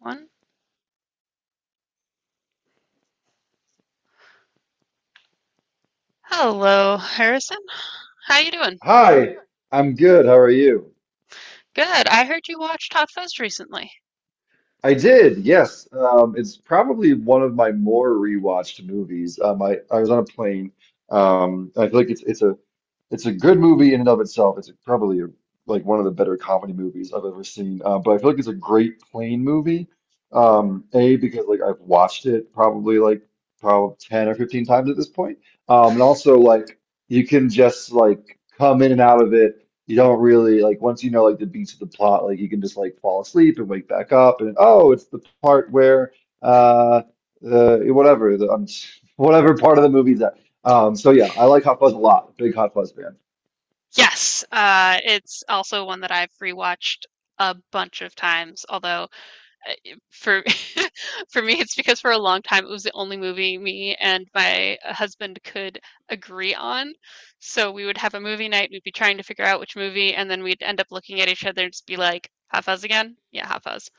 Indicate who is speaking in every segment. Speaker 1: One. Hello, Harrison. How you doing?
Speaker 2: Hi, I'm good. How are you?
Speaker 1: Good. I heard you watched Hot Fuzz recently.
Speaker 2: I did, yes. It's probably one of my more rewatched movies. I was on a plane. I feel like it's a good movie in and of itself. It's probably a, like one of the better comedy movies I've ever seen. But I feel like it's a great plane movie. A, because like I've watched it probably 10 or 15 times at this point. And also like you can just like come in and out of it. You don't really like, once you know like the beats of the plot, like you can just like fall asleep and wake back up and oh, it's the part where uh the whatever the whatever part of the movie's at. So yeah, I like Hot Fuzz a lot. Big Hot Fuzz fan.
Speaker 1: Yes, it's also one that I've rewatched a bunch of times. Although for for me, it's because for a long time it was the only movie me and my husband could agree on. So we would have a movie night. We'd be trying to figure out which movie, and then we'd end up looking at each other and just be like, "Hot Fuzz again? Yeah, Hot Fuzz."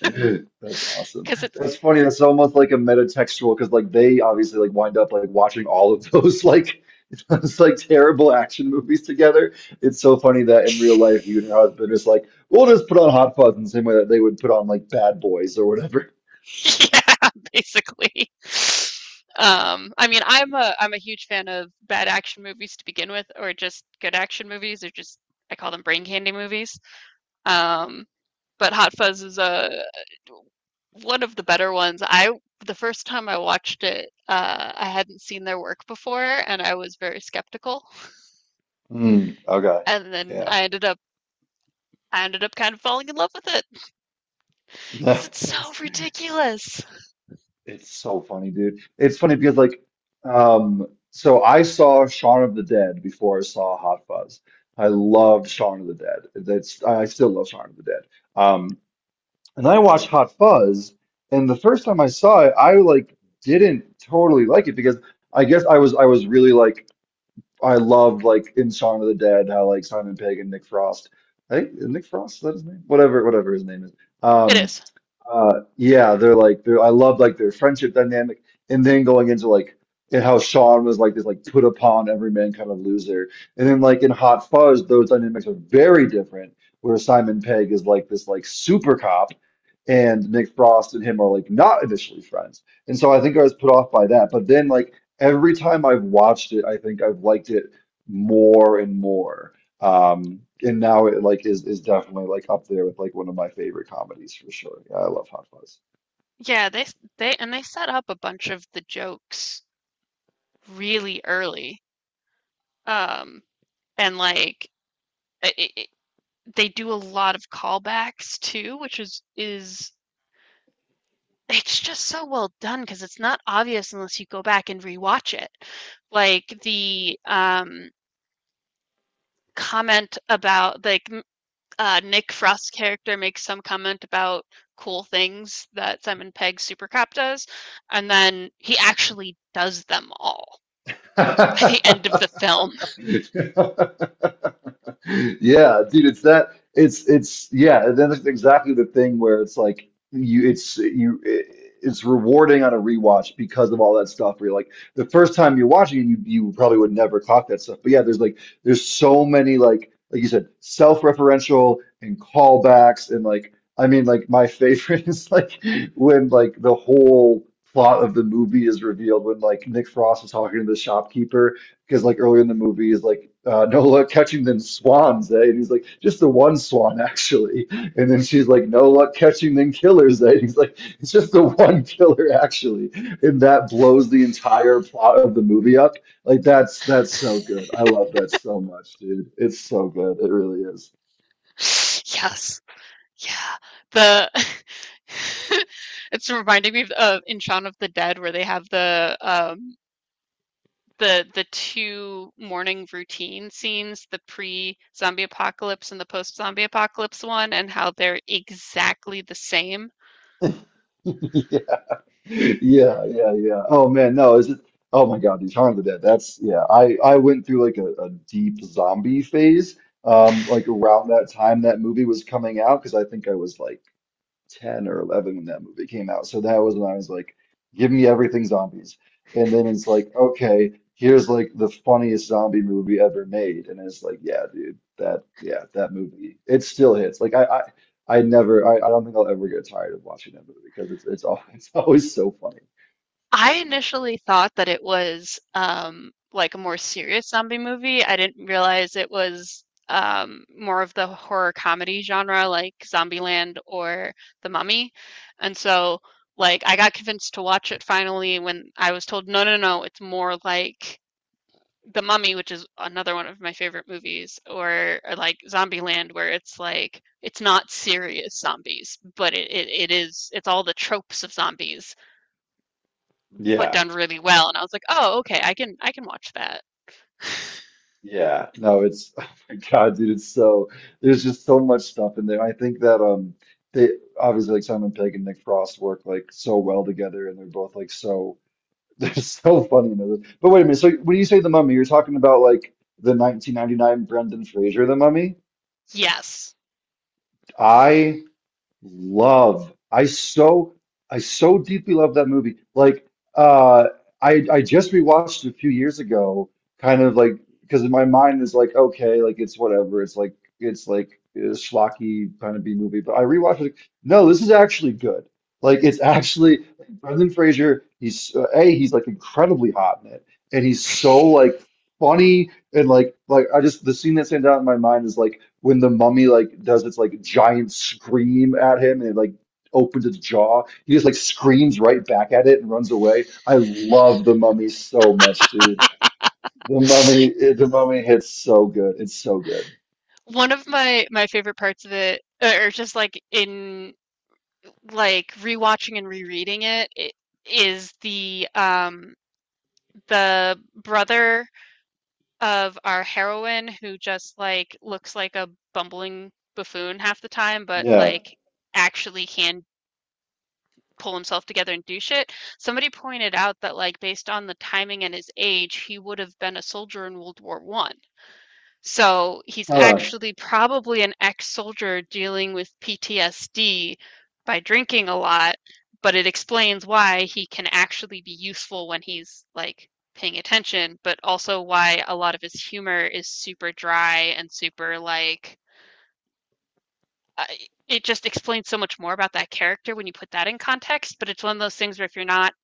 Speaker 2: That's awesome.
Speaker 1: Because it's.
Speaker 2: That's funny. That's almost like a metatextual because like they obviously like wind up like watching all of those like it's like terrible action movies together. It's so funny that in real life you and your husband is like, we'll just put on Hot Fuzz in the same way that they would put on like Bad Boys or whatever.
Speaker 1: Yeah, basically. I mean, I'm a huge fan of bad action movies to begin with, or just good action movies, or just I call them brain candy movies. Um, but Hot Fuzz is a one of the better ones. I the first time I watched it, I hadn't seen their work before, and I was very skeptical.
Speaker 2: Mm, okay.
Speaker 1: And then
Speaker 2: Yeah.
Speaker 1: I ended up kind of falling in love with it because it's so
Speaker 2: It's,
Speaker 1: ridiculous.
Speaker 2: it's so funny, dude. It's funny because like so I saw Shaun of the Dead before I saw Hot Fuzz. I loved Shaun of the Dead. That's, I still love Shaun of the Dead. Um and I watched Hot Fuzz and the first time I saw it, I like didn't totally like it because I guess I was really like I loved like in Shaun of the Dead how like Simon Pegg and Nick Frost. I think Nick Frost, is that his name? Whatever, whatever his name is.
Speaker 1: It
Speaker 2: Um
Speaker 1: is.
Speaker 2: Yeah, they're like they're, I love like their friendship dynamic, and then going into like and how Sean was like this like put upon everyman kind of loser, and then like in Hot Fuzz, those dynamics are very different. Where Simon Pegg is like this like super cop, and Nick Frost and him are like not initially friends. And so I think I was put off by that. But then like every time I've watched it, I think I've liked it more and more. And now it like is definitely like up there with like one of my favorite comedies for sure. Yeah, I love
Speaker 1: Yeah, they and they set up a bunch of the jokes really early. Um, and like I they do a lot of callbacks too, which is it's just so well done because it's not obvious unless you go back and rewatch it. Like the comment about, like, Nick Frost's character makes some comment about cool things that Simon Pegg's Supercop does, and then he actually does them all by the end of
Speaker 2: Hot
Speaker 1: the film.
Speaker 2: Fuzz. Yeah, dude, it's yeah, and then it's exactly the thing where it's like you it's rewarding on a rewatch because of all that stuff where you're like the first time you're watching it, you probably would never clock that stuff. But yeah, there's so many like you said, self-referential and callbacks and like, I mean like my favorite is like when like the whole plot of the movie is revealed when like Nick Frost is talking to the shopkeeper because like earlier in the movie is like Nola catching them swans, eh? And he's like, just the one swan actually. And then she's like, no luck catching them killers, eh? And he's like, it's just the one killer actually. And that blows the entire plot of the movie up. Like that's so good. I love that so much, dude. It's so good. It really is.
Speaker 1: Yes. Yeah, the it's reminding me of in Shaun of the Dead where they have the 2 morning routine scenes, the pre-zombie apocalypse and the post-zombie apocalypse one, and how they're exactly the same.
Speaker 2: Yeah. Yeah, yeah, yeah. Oh man, no, is it? Oh my God, these Shaun of the Dead. That's yeah. I went through like a deep zombie phase. Like around that time that movie was coming out because I think I was like 10 or 11 when that movie came out. So that was when I was like, give me everything zombies. And then it's like, okay, here's like the funniest zombie movie ever made. And it's like, yeah, dude, that, yeah, that movie, it still hits. Like I don't think I'll ever get tired of watching that movie because it's all, it's always so funny.
Speaker 1: I initially thought that it was, like, a more serious zombie movie. I didn't realize it was, more of the horror comedy genre, like Zombieland or The Mummy, and so, like, I got convinced to watch it finally when I was told, "No, no, no, it's more like The Mummy," which is another one of my favorite movies, or like Zombieland, where it's like it's not serious zombies, but it's all the tropes of zombies but
Speaker 2: Yeah.
Speaker 1: done really well. And I was like, oh, okay, I can watch that.
Speaker 2: Yeah. No, it's, oh my God, dude, it's so, there's just so much stuff in there. I think that, they obviously like Simon Pegg and Nick Frost work like so well together and they're both like so they're so funny in those. But wait a minute. So when you say the mummy, you're talking about like the 1999 Brendan Fraser, the mummy.
Speaker 1: Yes.
Speaker 2: I love. I so deeply love that movie. Like uh I just rewatched it a few years ago, kind of like because my mind is like okay, like it's whatever. It's like a schlocky kind of B movie, but I rewatched it. Like, no, this is actually good. Like it's actually Brendan Fraser. He's A, he's like incredibly hot in it, and he's so like funny and like I just, the scene that stands out in my mind is like when the mummy like does its like giant scream at him and it like opens its jaw, he just like screams right back at it and runs away. I love the mummy so much, dude. The mummy, the mummy hits so good. It's so good.
Speaker 1: One of my favorite parts of it, or just like in, like, rewatching and rereading it, it is the brother of our heroine who just like looks like a bumbling buffoon half the time, but
Speaker 2: Yeah.
Speaker 1: like actually can pull himself together and do shit. Somebody pointed out that, like, based on the timing and his age, he would have been a soldier in World War I. So he's
Speaker 2: Huh.
Speaker 1: actually probably an ex-soldier dealing with PTSD by drinking a lot, but it explains why he can actually be useful when he's like paying attention, but also why a lot of his humor is super dry and super like I- it just explains so much more about that character when you put that in context, but it's one of those things where if you're not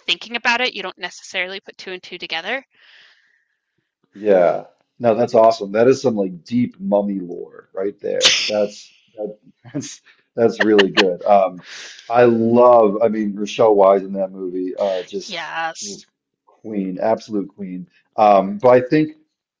Speaker 1: thinking about it, you don't necessarily put two and two together.
Speaker 2: Yeah. No, that's awesome. That is some like deep mummy lore right there. That's that's really good. I love, I mean, Rochelle Wise in that movie,
Speaker 1: Yes.
Speaker 2: just queen, absolute queen. But I think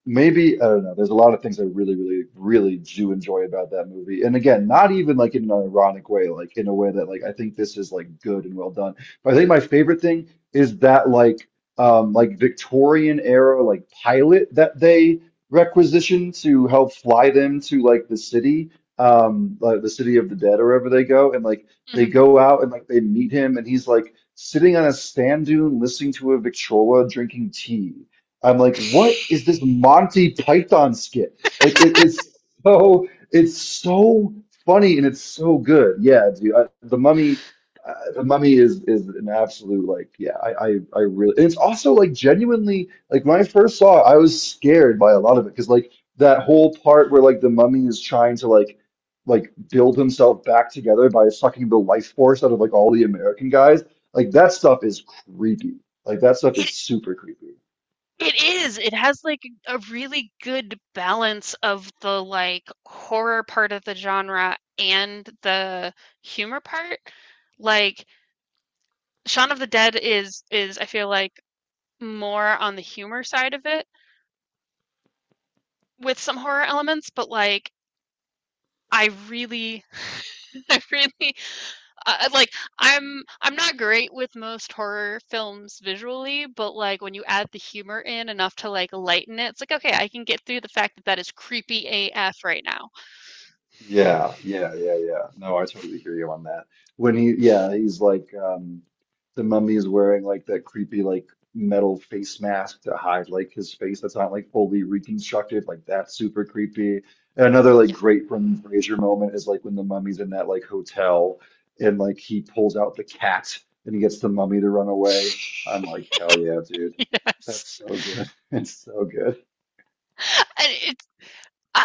Speaker 2: maybe I don't know. There's a lot of things I really, really, really do enjoy about that movie. And again, not even like in an ironic way, like in a way that like I think this is like good and well done. But I think my favorite thing is that like Victorian era like pilot that they requisition to help fly them to like the city of the dead or wherever they go, and like they
Speaker 1: Mhm.
Speaker 2: go out and like they meet him, and he's like sitting on a sand dune listening to a Victrola drinking tea. I'm like, what is this Monty Python skit? Like it is so it's so funny and it's so good. Yeah, dude. The Mummy The Mummy is an absolute like yeah I really, and it's also like genuinely like when I first saw it I was scared by a lot of it because like that whole part where like the mummy is trying to like build himself back together by sucking the life force out of like all the American guys, like that stuff is creepy, like that stuff
Speaker 1: It
Speaker 2: is super creepy.
Speaker 1: it is. It has like a really good balance of the like horror part of the genre and the humor part. Like Shaun of the Dead is I feel like more on the humor side of it with some horror elements, but like I really I really, I, like, I'm not great with most horror films visually, but like when you add the humor in enough to like lighten it, it's like okay, I can get through the fact that that is creepy AF right now.
Speaker 2: Yeah, yeah, yeah, yeah. No, I totally hear you on that. When he, yeah, he's like, the mummy's wearing like that creepy like metal face mask to hide like his face that's not like fully reconstructed. Like that's super creepy. And another like
Speaker 1: Yeah.
Speaker 2: great Brendan Fraser moment is like when the mummy's in that like hotel and like he pulls out the cat and he gets the mummy to run away. I'm like, hell yeah, dude.
Speaker 1: Yes.
Speaker 2: That's so good. It's so good.
Speaker 1: And it's uh,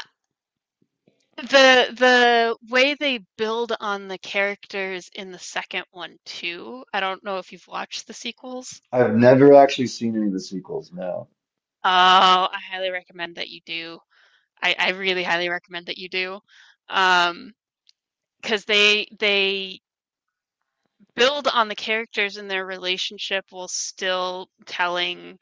Speaker 1: the way they build on the characters in the second one too. I don't know if you've watched the sequels.
Speaker 2: I've never actually seen any of the sequels. No.
Speaker 1: Oh, I highly recommend that you do. I really highly recommend that you do. Um, because they build on the characters and their relationship while still telling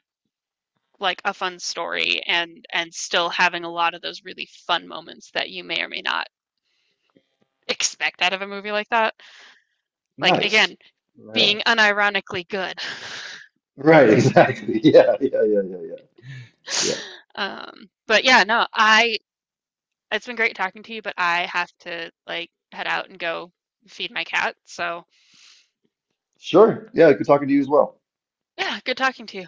Speaker 1: like a fun story and still having a lot of those really fun moments that you may or may not expect out of a movie like that, like, again
Speaker 2: Nice.
Speaker 1: being
Speaker 2: Well,
Speaker 1: unironically good.
Speaker 2: right, exactly. Yeah, yeah, yeah, yeah, yeah. Yeah.
Speaker 1: But yeah, no, I it's been great talking to you, but I have to like head out and go feed my cat, so
Speaker 2: Sure. Yeah, good talking to you as well.
Speaker 1: yeah, good talking to you.